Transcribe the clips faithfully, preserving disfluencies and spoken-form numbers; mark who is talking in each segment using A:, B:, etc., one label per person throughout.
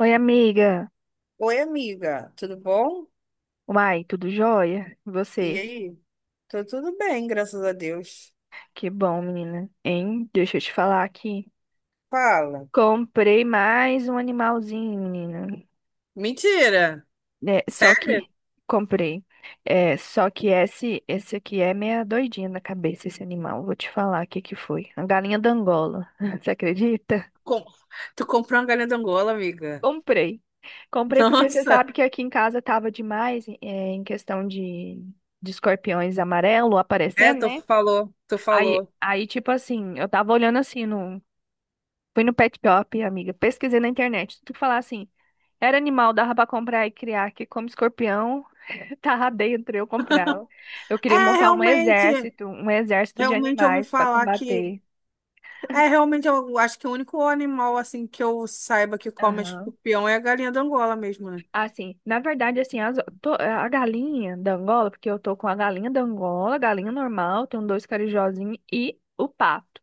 A: Oi, amiga.
B: Oi, amiga, tudo bom?
A: Uai, tudo jóia? E
B: E
A: você?
B: aí? Tô tudo bem, graças a Deus.
A: Que bom, menina. Hein? Deixa eu te falar aqui.
B: Fala.
A: Comprei mais um animalzinho, menina.
B: Mentira!
A: É, só
B: Sério?
A: que comprei. É, só que esse, esse aqui é meia doidinha na cabeça, esse animal. Vou te falar o que que foi. A galinha da Angola. Você acredita?
B: Com- Tu comprou uma galinha de Angola, amiga?
A: Comprei. Comprei porque você sabe
B: Nossa!
A: que aqui em casa tava demais, é, em questão de, de escorpiões amarelo
B: É,
A: aparecendo,
B: tu
A: né?
B: falou, tu
A: Aí,
B: falou.
A: aí, tipo assim, eu tava olhando assim no. Fui no Pet Shop, amiga. Pesquisei na internet. Tudo que falar assim. Era animal, dava pra comprar e criar, que como escorpião, tava dentro, eu comprava. Eu queria
B: É,
A: montar um
B: realmente,
A: exército, um exército de
B: realmente eu ouvi
A: animais pra
B: falar que...
A: combater.
B: É, realmente, eu acho que o único animal, assim, que eu saiba que come
A: Aham.
B: escorpião é a galinha de Angola mesmo, né?
A: Assim, na verdade, assim, as, to- a galinha da Angola, porque eu tô com a galinha da Angola, a galinha normal, tenho dois carijozinhos e o pato.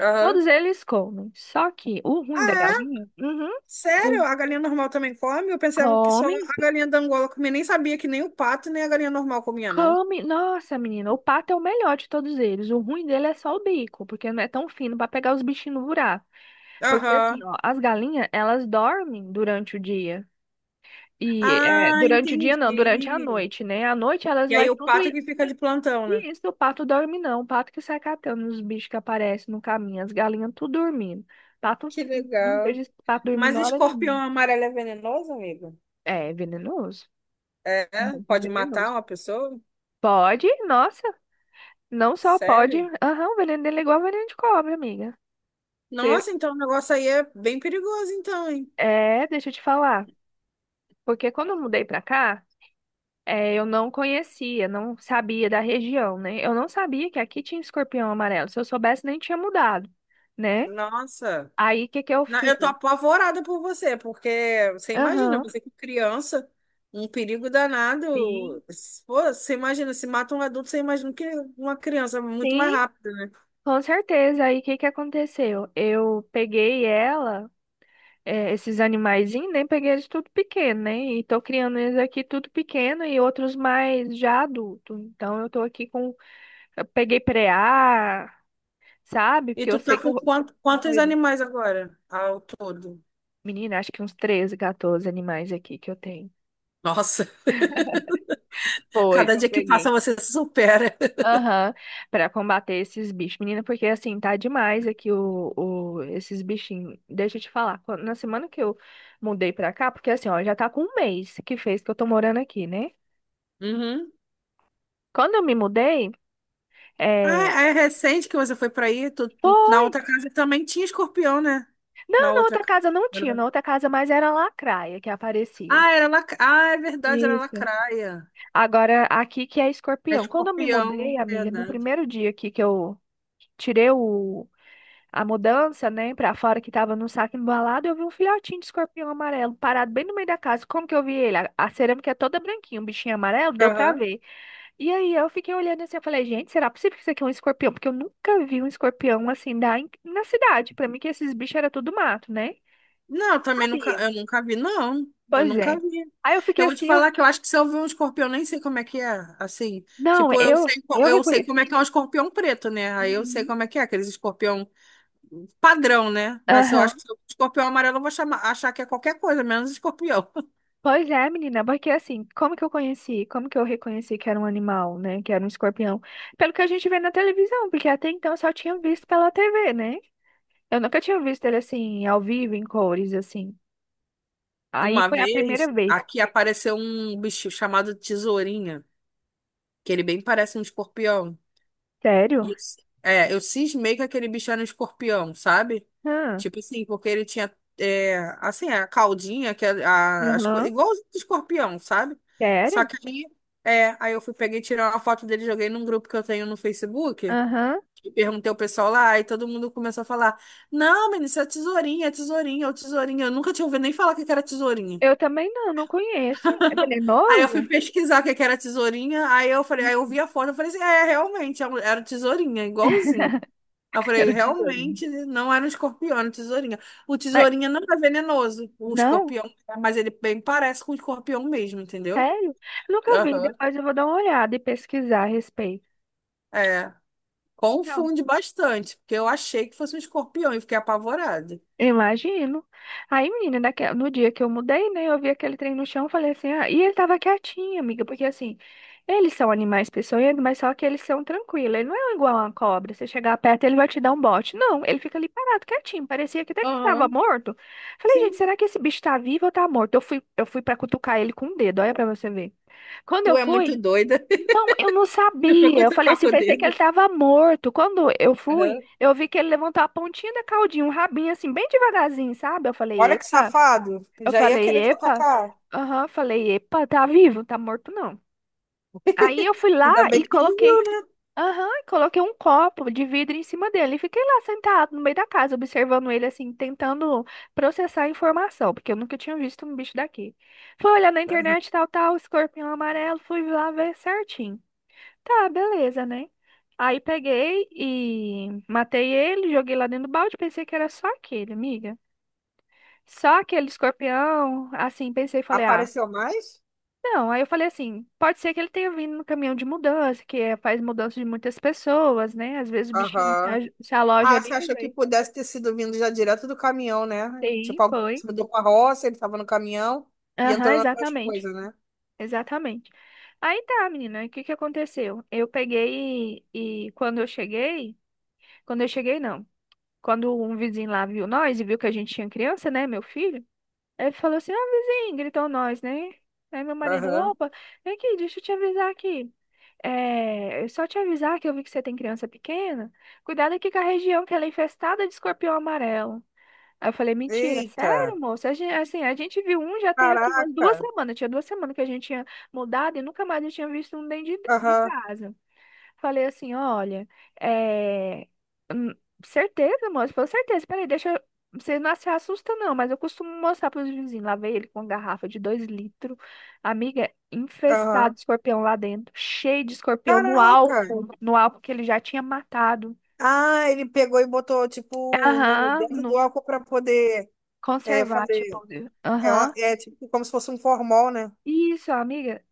B: Aham.
A: Todos eles comem. Só que o ruim da
B: Ah, é?
A: galinha, uhum,
B: Sério?
A: o-
B: A galinha normal também come? Eu pensava que só
A: come.
B: a galinha da Angola comia. Nem sabia que nem o pato nem a galinha normal comia, não.
A: Come, nossa, menina, o pato é o melhor de todos eles. O ruim dele é só o bico, porque não é tão fino para pegar os bichinhos no buraco. Porque assim,
B: Aham.
A: ó, as galinhas, elas dormem durante o dia. E é,
B: Ah,
A: durante o dia não, durante a
B: entendi.
A: noite, né? À noite elas
B: E aí
A: vai
B: o
A: tudo
B: pato é
A: e
B: que fica de plantão, né?
A: e isso, o pato dorme não. O pato que sai catando os bichos que aparecem no caminho, as galinhas tudo dormindo. Pato,
B: Que
A: não
B: legal.
A: vejo esse pato
B: Mas
A: dormindo hora
B: escorpião
A: nenhuma.
B: amarelo é venenoso, amigo?
A: É venenoso,
B: É?
A: muito
B: Pode matar
A: venenoso.
B: uma pessoa?
A: Pode, nossa. Não só pode.
B: Sério?
A: Aham, o veneno dele é igual veneno de cobra, amiga. Você-
B: Nossa, então o negócio aí é bem perigoso, então, hein?
A: É, deixa eu te falar. Porque quando eu mudei pra cá, é, eu não conhecia, não sabia da região, né? Eu não sabia que aqui tinha escorpião amarelo. Se eu soubesse, nem tinha mudado, né?
B: Nossa.
A: Aí, o que que eu
B: Na-
A: fiz?
B: Eu tô apavorada por você, porque você imagina,
A: Aham.
B: você com criança, um perigo
A: Sim,
B: danado. Se- Pô, você imagina, se mata um adulto, você imagina que uma criança é muito mais
A: sim,
B: rápida, né?
A: com certeza. Aí, o que que aconteceu? Eu peguei ela. É, esses animaizinhos, né? Peguei eles tudo pequeno, né? E tô criando eles aqui tudo pequeno e outros mais já adulto. Então eu tô aqui com. Eu peguei preá, sabe?
B: E
A: Porque eu
B: tu tá
A: sei que o.
B: com
A: ro-
B: quant- quantos
A: Doido.
B: animais agora ao todo?
A: Menina, acho que uns treze, catorze animais aqui que eu tenho.
B: Nossa,
A: Foi,
B: cada
A: que eu
B: dia que passa
A: peguei.
B: você se supera.
A: Aham. Pra combater esses bichos. Menina, porque assim, tá demais aqui o, o, esses bichinhos. Deixa eu te falar, quando- na semana que eu mudei pra cá, porque assim, ó, já tá com um mês que fez que eu tô morando aqui, né?
B: Uhum.
A: Quando eu me mudei. É,
B: Ah, é é recente que você foi pra aí? Tu- na
A: foi.
B: outra casa também tinha escorpião, né? Na
A: Não, na
B: outra
A: outra
B: casa.
A: casa não tinha, na outra casa mais era lacraia que aparecia.
B: Ah, era lac... ah, é verdade, era
A: Isso.
B: lacraia.
A: Agora, aqui que é
B: É
A: escorpião. Quando eu me
B: escorpião,
A: mudei, amiga, no
B: verdade.
A: primeiro dia aqui que eu tirei o, a mudança, né, pra fora que tava no saco embalado, eu vi um filhotinho de escorpião amarelo parado bem no meio da casa. Como que eu vi ele? A, a cerâmica é toda branquinha, um bichinho amarelo, deu pra
B: Aham.
A: ver. E aí eu fiquei olhando assim, eu falei, gente, será possível que isso aqui é um escorpião? Porque eu nunca vi um escorpião assim da, na cidade. Pra mim que esses bichos era tudo mato, né?
B: Não, eu também nunca,
A: Sabia.
B: eu nunca vi, não. Eu
A: Pois
B: nunca
A: é.
B: vi.
A: Aí eu fiquei
B: Eu vou te
A: assim, eu...
B: falar que eu acho que se eu ver um escorpião, eu nem sei como é que é, assim.
A: Não,
B: Tipo, eu
A: eu,
B: sei, co-
A: eu
B: eu sei como é que
A: reconheci.
B: é um escorpião preto, né? Aí eu sei
A: Uhum.
B: como é que é, aqueles escorpião padrão, né? Mas eu
A: Aham.
B: acho que se eu ver um escorpião amarelo, eu vou chamar, achar que é qualquer coisa, menos escorpião.
A: Pois é, menina, porque assim, como que eu conheci? Como que eu reconheci que era um animal, né? Que era um escorpião? Pelo que a gente vê na televisão, porque até então eu só tinha visto pela T V, né? Eu nunca tinha visto ele assim, ao vivo, em cores, assim. Aí
B: Uma
A: foi a
B: vez,
A: primeira vez.
B: aqui apareceu um bicho chamado tesourinha, que ele bem parece um escorpião.
A: Sério?
B: E eu c- É, eu cismei que aquele bicho era um escorpião, sabe?
A: Hã?
B: Tipo assim, porque ele tinha, é, assim, a caldinha, que é a, as coisas,
A: Aham.
B: igual os escorpião, sabe? Só
A: Sério?
B: que aí, é, aí eu fui, peguei, tirei uma foto dele, joguei num grupo que eu tenho no Facebook,
A: Aham.
B: e perguntei ao pessoal lá, e todo mundo começou a falar, não, menino, isso é tesourinha, é tesourinha, é o tesourinha. Eu nunca tinha ouvido nem falar que que era tesourinha.
A: Eu também não, não conheço. É
B: Aí eu fui
A: venenoso?
B: pesquisar o que que era tesourinha, aí eu falei, aí eu vi a foto, eu falei assim, é, realmente, é um- era um tesourinha, igualzinho. Aí eu
A: Era
B: falei,
A: o tesourinho.
B: realmente não era um escorpião, era um tesourinha. O
A: Mas,
B: tesourinha não é venenoso, o
A: não?
B: escorpião, é, mas ele bem parece com o escorpião mesmo, entendeu?
A: Sério? Eu nunca vi.
B: Aham.
A: Depois eu vou dar uma olhada e pesquisar a respeito.
B: É,
A: Então,
B: confunde bastante, porque eu achei que fosse um escorpião e fiquei apavorada.
A: imagino. Aí, menina, daquela, no dia que eu mudei, né? Eu vi aquele trem no chão, falei assim, ah, e ele tava quietinho, amiga, porque assim, eles são animais peçonhentos, mas só que eles são tranquilos. Ele não é igual a uma cobra. Você chegar perto, ele vai te dar um bote. Não, ele fica ali parado, quietinho. Parecia que até que tava
B: Aham.
A: morto. Falei, gente,
B: Sim,
A: será que esse bicho tá vivo ou tá morto? Eu fui, eu fui para cutucar ele com o dedo, olha pra você ver. Quando eu
B: tu é muito
A: fui.
B: doida.
A: Não, eu não
B: Tu foi
A: sabia. Eu falei
B: cutucar
A: assim,
B: com o
A: pensei que ele
B: dedo.
A: estava morto. Quando eu fui,
B: Aham.
A: eu vi que ele levantou a pontinha da caudinha, um rabinho assim, bem devagarzinho, sabe? Eu falei,
B: Olha que
A: epa.
B: safado,
A: Eu
B: já ia
A: falei,
B: querer te
A: epa.
B: atacar.
A: Aham, eu falei, epa, tá vivo, tá morto não. Aí eu fui lá
B: Ainda bem
A: e
B: que tu
A: coloquei,
B: viu, né?
A: aham, e coloquei um copo de vidro em cima dele. E fiquei lá sentado no meio da casa, observando ele assim, tentando processar a informação, porque eu nunca tinha visto um bicho daqui. Fui olhar na internet, tal, tal, escorpião amarelo, fui lá ver certinho. Tá, beleza, né? Aí peguei e matei ele, joguei lá dentro do balde, pensei que era só aquele, amiga. Só aquele escorpião, assim, pensei e falei, ah,
B: Apareceu mais?
A: não. Aí eu falei assim, pode ser que ele tenha vindo no caminhão de mudança, que é- faz mudança de muitas pessoas, né? Às vezes o bichinho se
B: Aham.
A: aj- se aloja
B: Ah, você
A: ali no
B: achou que
A: meio.
B: pudesse ter sido vindo já direto do caminhão, né?
A: Sim,
B: Tipo, alguém se
A: foi.
B: mudou com a roça, ele estava no caminhão e
A: Aham,
B: entrou nas suas
A: exatamente.
B: coisas, né?
A: Exatamente. Aí tá, menina, o que que aconteceu? Eu peguei e e quando eu cheguei, quando eu cheguei, não. Quando um vizinho lá viu nós e viu que a gente tinha criança, né, meu filho, ele falou assim: ó, vizinho, gritou nós, né? Aí meu marido,
B: Aham.
A: opa, vem aqui, deixa eu te avisar aqui. É, eu só te avisar que eu vi que você tem criança pequena. Cuidado aqui com a região que ela é infestada de escorpião amarelo. Aí eu falei, mentira,
B: Eita!
A: sério, moço? A gente, assim, a gente viu um já tem assim, umas duas
B: Caraca!
A: semanas. Tinha duas semanas que a gente tinha mudado e nunca mais eu tinha visto um dentro de, de
B: Aham,
A: casa. Falei assim, olha, é... hum, certeza, moço, falou certeza, peraí, deixa, eu- você não se assusta não, mas eu costumo mostrar para os vizinhos, lá veio ele com uma garrafa de dois litros, amiga, infestado
B: aham.
A: de escorpião lá dentro, cheio de escorpião no
B: Caraca!
A: álcool, no álcool que ele já tinha matado,
B: Ah, ele pegou e botou, tipo, no,
A: aham,
B: dentro do
A: no
B: álcool para poder é,
A: conservar, tipo,
B: fazer. É, uma-
A: aham,
B: é tipo como se fosse um formol, né?
A: isso, amiga,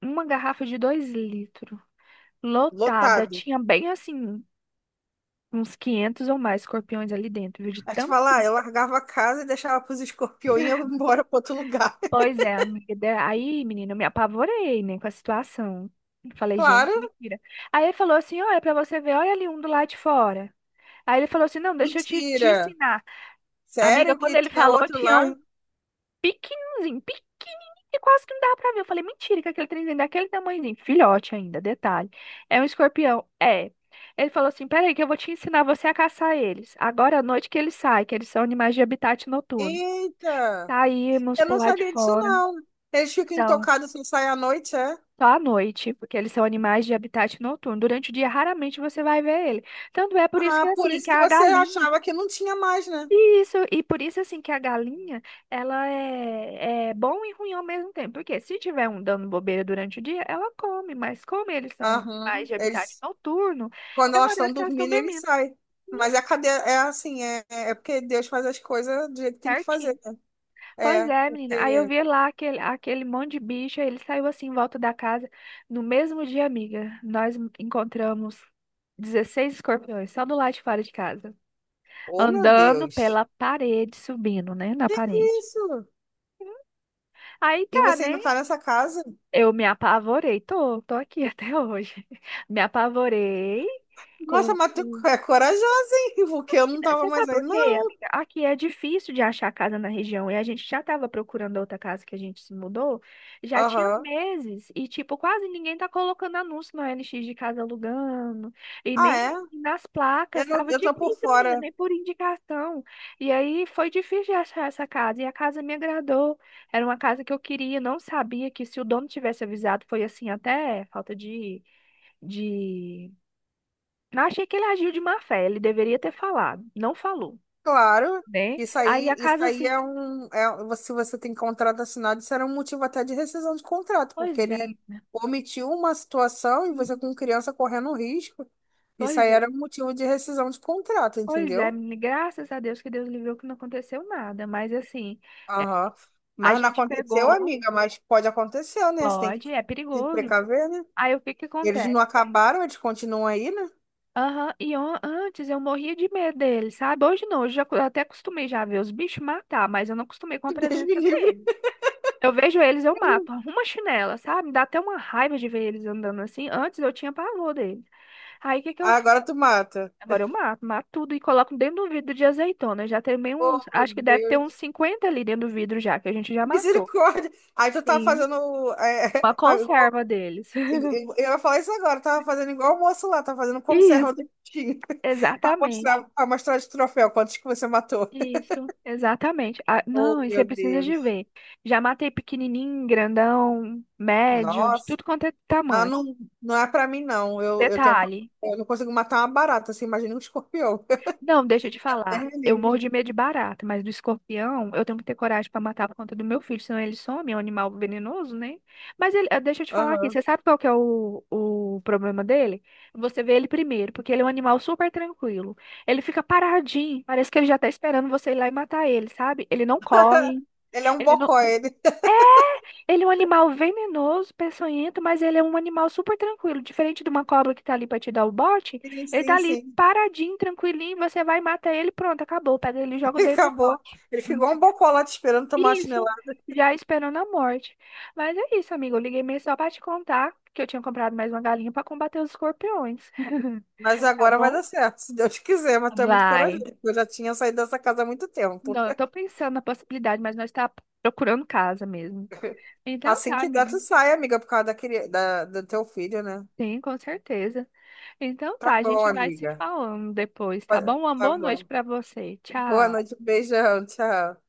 A: uma garrafa de dois litros, lotada,
B: Lotado.
A: tinha bem assim, uns quinhentos ou mais escorpiões ali dentro, viu, de
B: Aí te
A: tanto.
B: falar, eu largava a casa e deixava pros escorpiões e ia embora para outro lugar.
A: Pois é, amiga. Da- Aí, menina, eu me apavorei, né, com a situação. Falei, gente,
B: Claro!
A: mentira. Aí ele falou assim: olha, pra você ver, olha ali um do lado de fora. Aí ele falou assim: não, deixa eu te, te
B: Mentira!
A: ensinar. Amiga,
B: Sério
A: quando
B: que
A: ele
B: tinha
A: falou,
B: outro
A: tinha
B: lá?
A: um pequenininho, pequenininho, que quase que não dava pra ver. Eu falei, mentira, que aquele trenzinho daquele tamanhozinho, filhote ainda, detalhe. É um escorpião. É. Ele falou assim: peraí, que eu vou te ensinar você a caçar eles. Agora à noite que eles saem, que eles são animais de habitat noturno.
B: Eita!
A: Saímos
B: Eu
A: pro
B: não
A: lado de
B: sabia disso,
A: fora.
B: não. Eles ficam
A: Então.
B: intocados sem sair à noite, é?
A: Só à noite, porque eles são animais de habitat noturno. Durante o dia, raramente você vai ver ele. Tanto é por isso que,
B: Ah, por
A: assim,
B: isso
A: que
B: que
A: a
B: você
A: galinha...
B: achava que não tinha mais, né?
A: Isso, e por isso, assim, que a galinha, ela é, é bom e ruim ao mesmo tempo. Porque se tiver um dando bobeira durante o dia, ela come. Mas como eles são animais
B: Aham.
A: de habitat
B: Eles,
A: noturno,
B: quando
A: é o
B: elas estão
A: horário que elas estão
B: dormindo, eles
A: dormindo,
B: saem. Mas a cadeia é assim, é, é é porque Deus faz as coisas do jeito que tem que fazer.
A: certinho. Pois
B: É,
A: é, menina. Aí eu
B: porque.
A: vi lá aquele, aquele monte de bicho, aí ele saiu assim em volta da casa. No mesmo dia, amiga, nós encontramos dezesseis escorpiões, só do lado de fora de casa.
B: Oh, meu
A: Andando
B: Deus!
A: pela parede, subindo, né? Na
B: Que que é
A: parede.
B: isso?
A: Aí
B: E
A: tá,
B: você
A: né?
B: ainda tá nessa casa?
A: Eu me apavorei. Tô, tô aqui até hoje. Me apavorei
B: Nossa,
A: com,
B: mas tu
A: com
B: é corajosa, hein? Porque eu não tava
A: Você sabe
B: mais aí,
A: por quê,
B: não.
A: amiga? Aqui é difícil de achar casa na região e a gente já estava procurando outra casa que a gente se mudou, já tinha
B: Aham.
A: meses e, tipo, quase ninguém tá colocando anúncio no O L X de casa alugando e
B: Ah,
A: nem
B: é?
A: assim, nas
B: Eu,
A: placas,
B: não-
A: tava
B: eu tô por
A: difícil, menina,
B: fora.
A: nem por indicação. E aí foi difícil de achar essa casa e a casa me agradou. Era uma casa que eu queria, não sabia que se o dono tivesse avisado, foi assim, até falta de, de... Não, achei que ele agiu de má fé, ele deveria ter falado, não falou,
B: Claro,
A: né?
B: isso
A: Aí
B: aí,
A: a
B: isso
A: casa
B: aí
A: assim,
B: é um, é, você- se você tem contrato assinado, isso era um motivo até de rescisão de contrato, porque
A: pois é,
B: ele omitiu uma situação e você
A: uhum,
B: com criança correndo um risco, isso
A: pois
B: aí
A: é,
B: era um motivo de rescisão de contrato,
A: pois é,
B: entendeu?
A: menina, graças a Deus que Deus livrou que não aconteceu nada, mas assim, é,
B: Aham.
A: a
B: Mas não
A: gente
B: aconteceu,
A: pegou,
B: amiga, mas pode acontecer, né? Você tem que
A: pode, é
B: se
A: perigoso.
B: precaver, né?
A: Aí o que que
B: Eles
A: acontece?
B: não acabaram, eles continuam aí, né?
A: Aham, e on- antes eu morria de medo dele, sabe? Hoje não, hoje já, eu até acostumei já a ver os bichos matar, mas eu não acostumei com a
B: Deus me
A: presença
B: livre.
A: dele. Eu vejo eles, eu mato, arrumo a chinela, sabe? Me dá até uma raiva de ver eles andando assim. Antes eu tinha pavor dele. Aí o que que eu.
B: Ah, agora tu mata.
A: Agora eu mato, mato tudo e coloco dentro do vidro de azeitona. Eu já tem meio uns,
B: Oh, meu
A: acho que deve ter uns
B: Deus.
A: cinquenta ali dentro do vidro já, que a gente já matou.
B: Misericórdia. Aí tu tá
A: Sim.
B: fazendo é,
A: Uma conserva deles.
B: Eu, eu- eu ia falar isso agora, eu tava fazendo igual o moço lá, tava fazendo conserva do
A: Isso,
B: tinha para
A: exatamente.
B: mostrar, para mostrar de troféu quantos que você matou.
A: Isso, exatamente. Ah,
B: Oh,
A: não, e você
B: meu
A: precisa de
B: Deus.
A: ver. Já matei pequenininho, grandão, médio, de
B: Nossa.
A: tudo quanto é
B: Ah,
A: tamanho.
B: não, não é pra mim, não. Eu, eu tenho um... pa-
A: Detalhe.
B: eu não consigo matar uma barata, você imagina um escorpião.
A: Não, deixa eu te
B: É
A: falar. Eu morro
B: livre.
A: de medo de barata, mas do escorpião eu tenho que ter coragem para matar por conta do meu filho, senão ele some, é um animal venenoso, né? Mas ele, eh, deixa eu te falar aqui,
B: Aham.
A: você sabe qual que é o, o problema dele? Você vê ele primeiro, porque ele é um animal super tranquilo. Ele fica paradinho, parece que ele já tá esperando você ir lá e matar ele, sabe? Ele não corre,
B: Ele é um
A: ele não,
B: bocó, ele.
A: ele é um animal venenoso, peçonhento, mas ele é um animal super tranquilo. Diferente de uma cobra que tá ali pra te dar o bote,
B: Sim,
A: ele tá
B: sim,
A: ali
B: sim.
A: paradinho, tranquilinho, você vai e mata ele, pronto, acabou. Pega ele e joga dentro do
B: Acabou.
A: pote.
B: Ele
A: Hum.
B: ficou um bocó lá te esperando tomar a
A: Isso,
B: chinelada.
A: já esperando a morte. Mas é isso, amigo. Eu liguei mesmo só pra te contar que eu tinha comprado mais uma galinha pra combater os escorpiões.
B: Mas
A: Tá
B: agora vai
A: bom?
B: dar certo, se Deus quiser, mas tu é muito corajoso.
A: Vai.
B: Eu já tinha saído dessa casa há muito tempo.
A: Não, eu tô pensando na possibilidade, mas nós tá procurando casa mesmo. Então
B: Assim
A: tá,
B: que dá,
A: amiga.
B: tu sai, amiga, por causa da, cri- da- do teu filho, né?
A: Sim, com certeza. Então
B: Tá
A: tá, a
B: bom,
A: gente vai se
B: amiga.
A: falando depois, tá
B: Tá
A: bom? Uma
B: tá
A: boa noite
B: bom.
A: pra você.
B: Boa
A: Tchau.
B: noite, um beijão, tchau.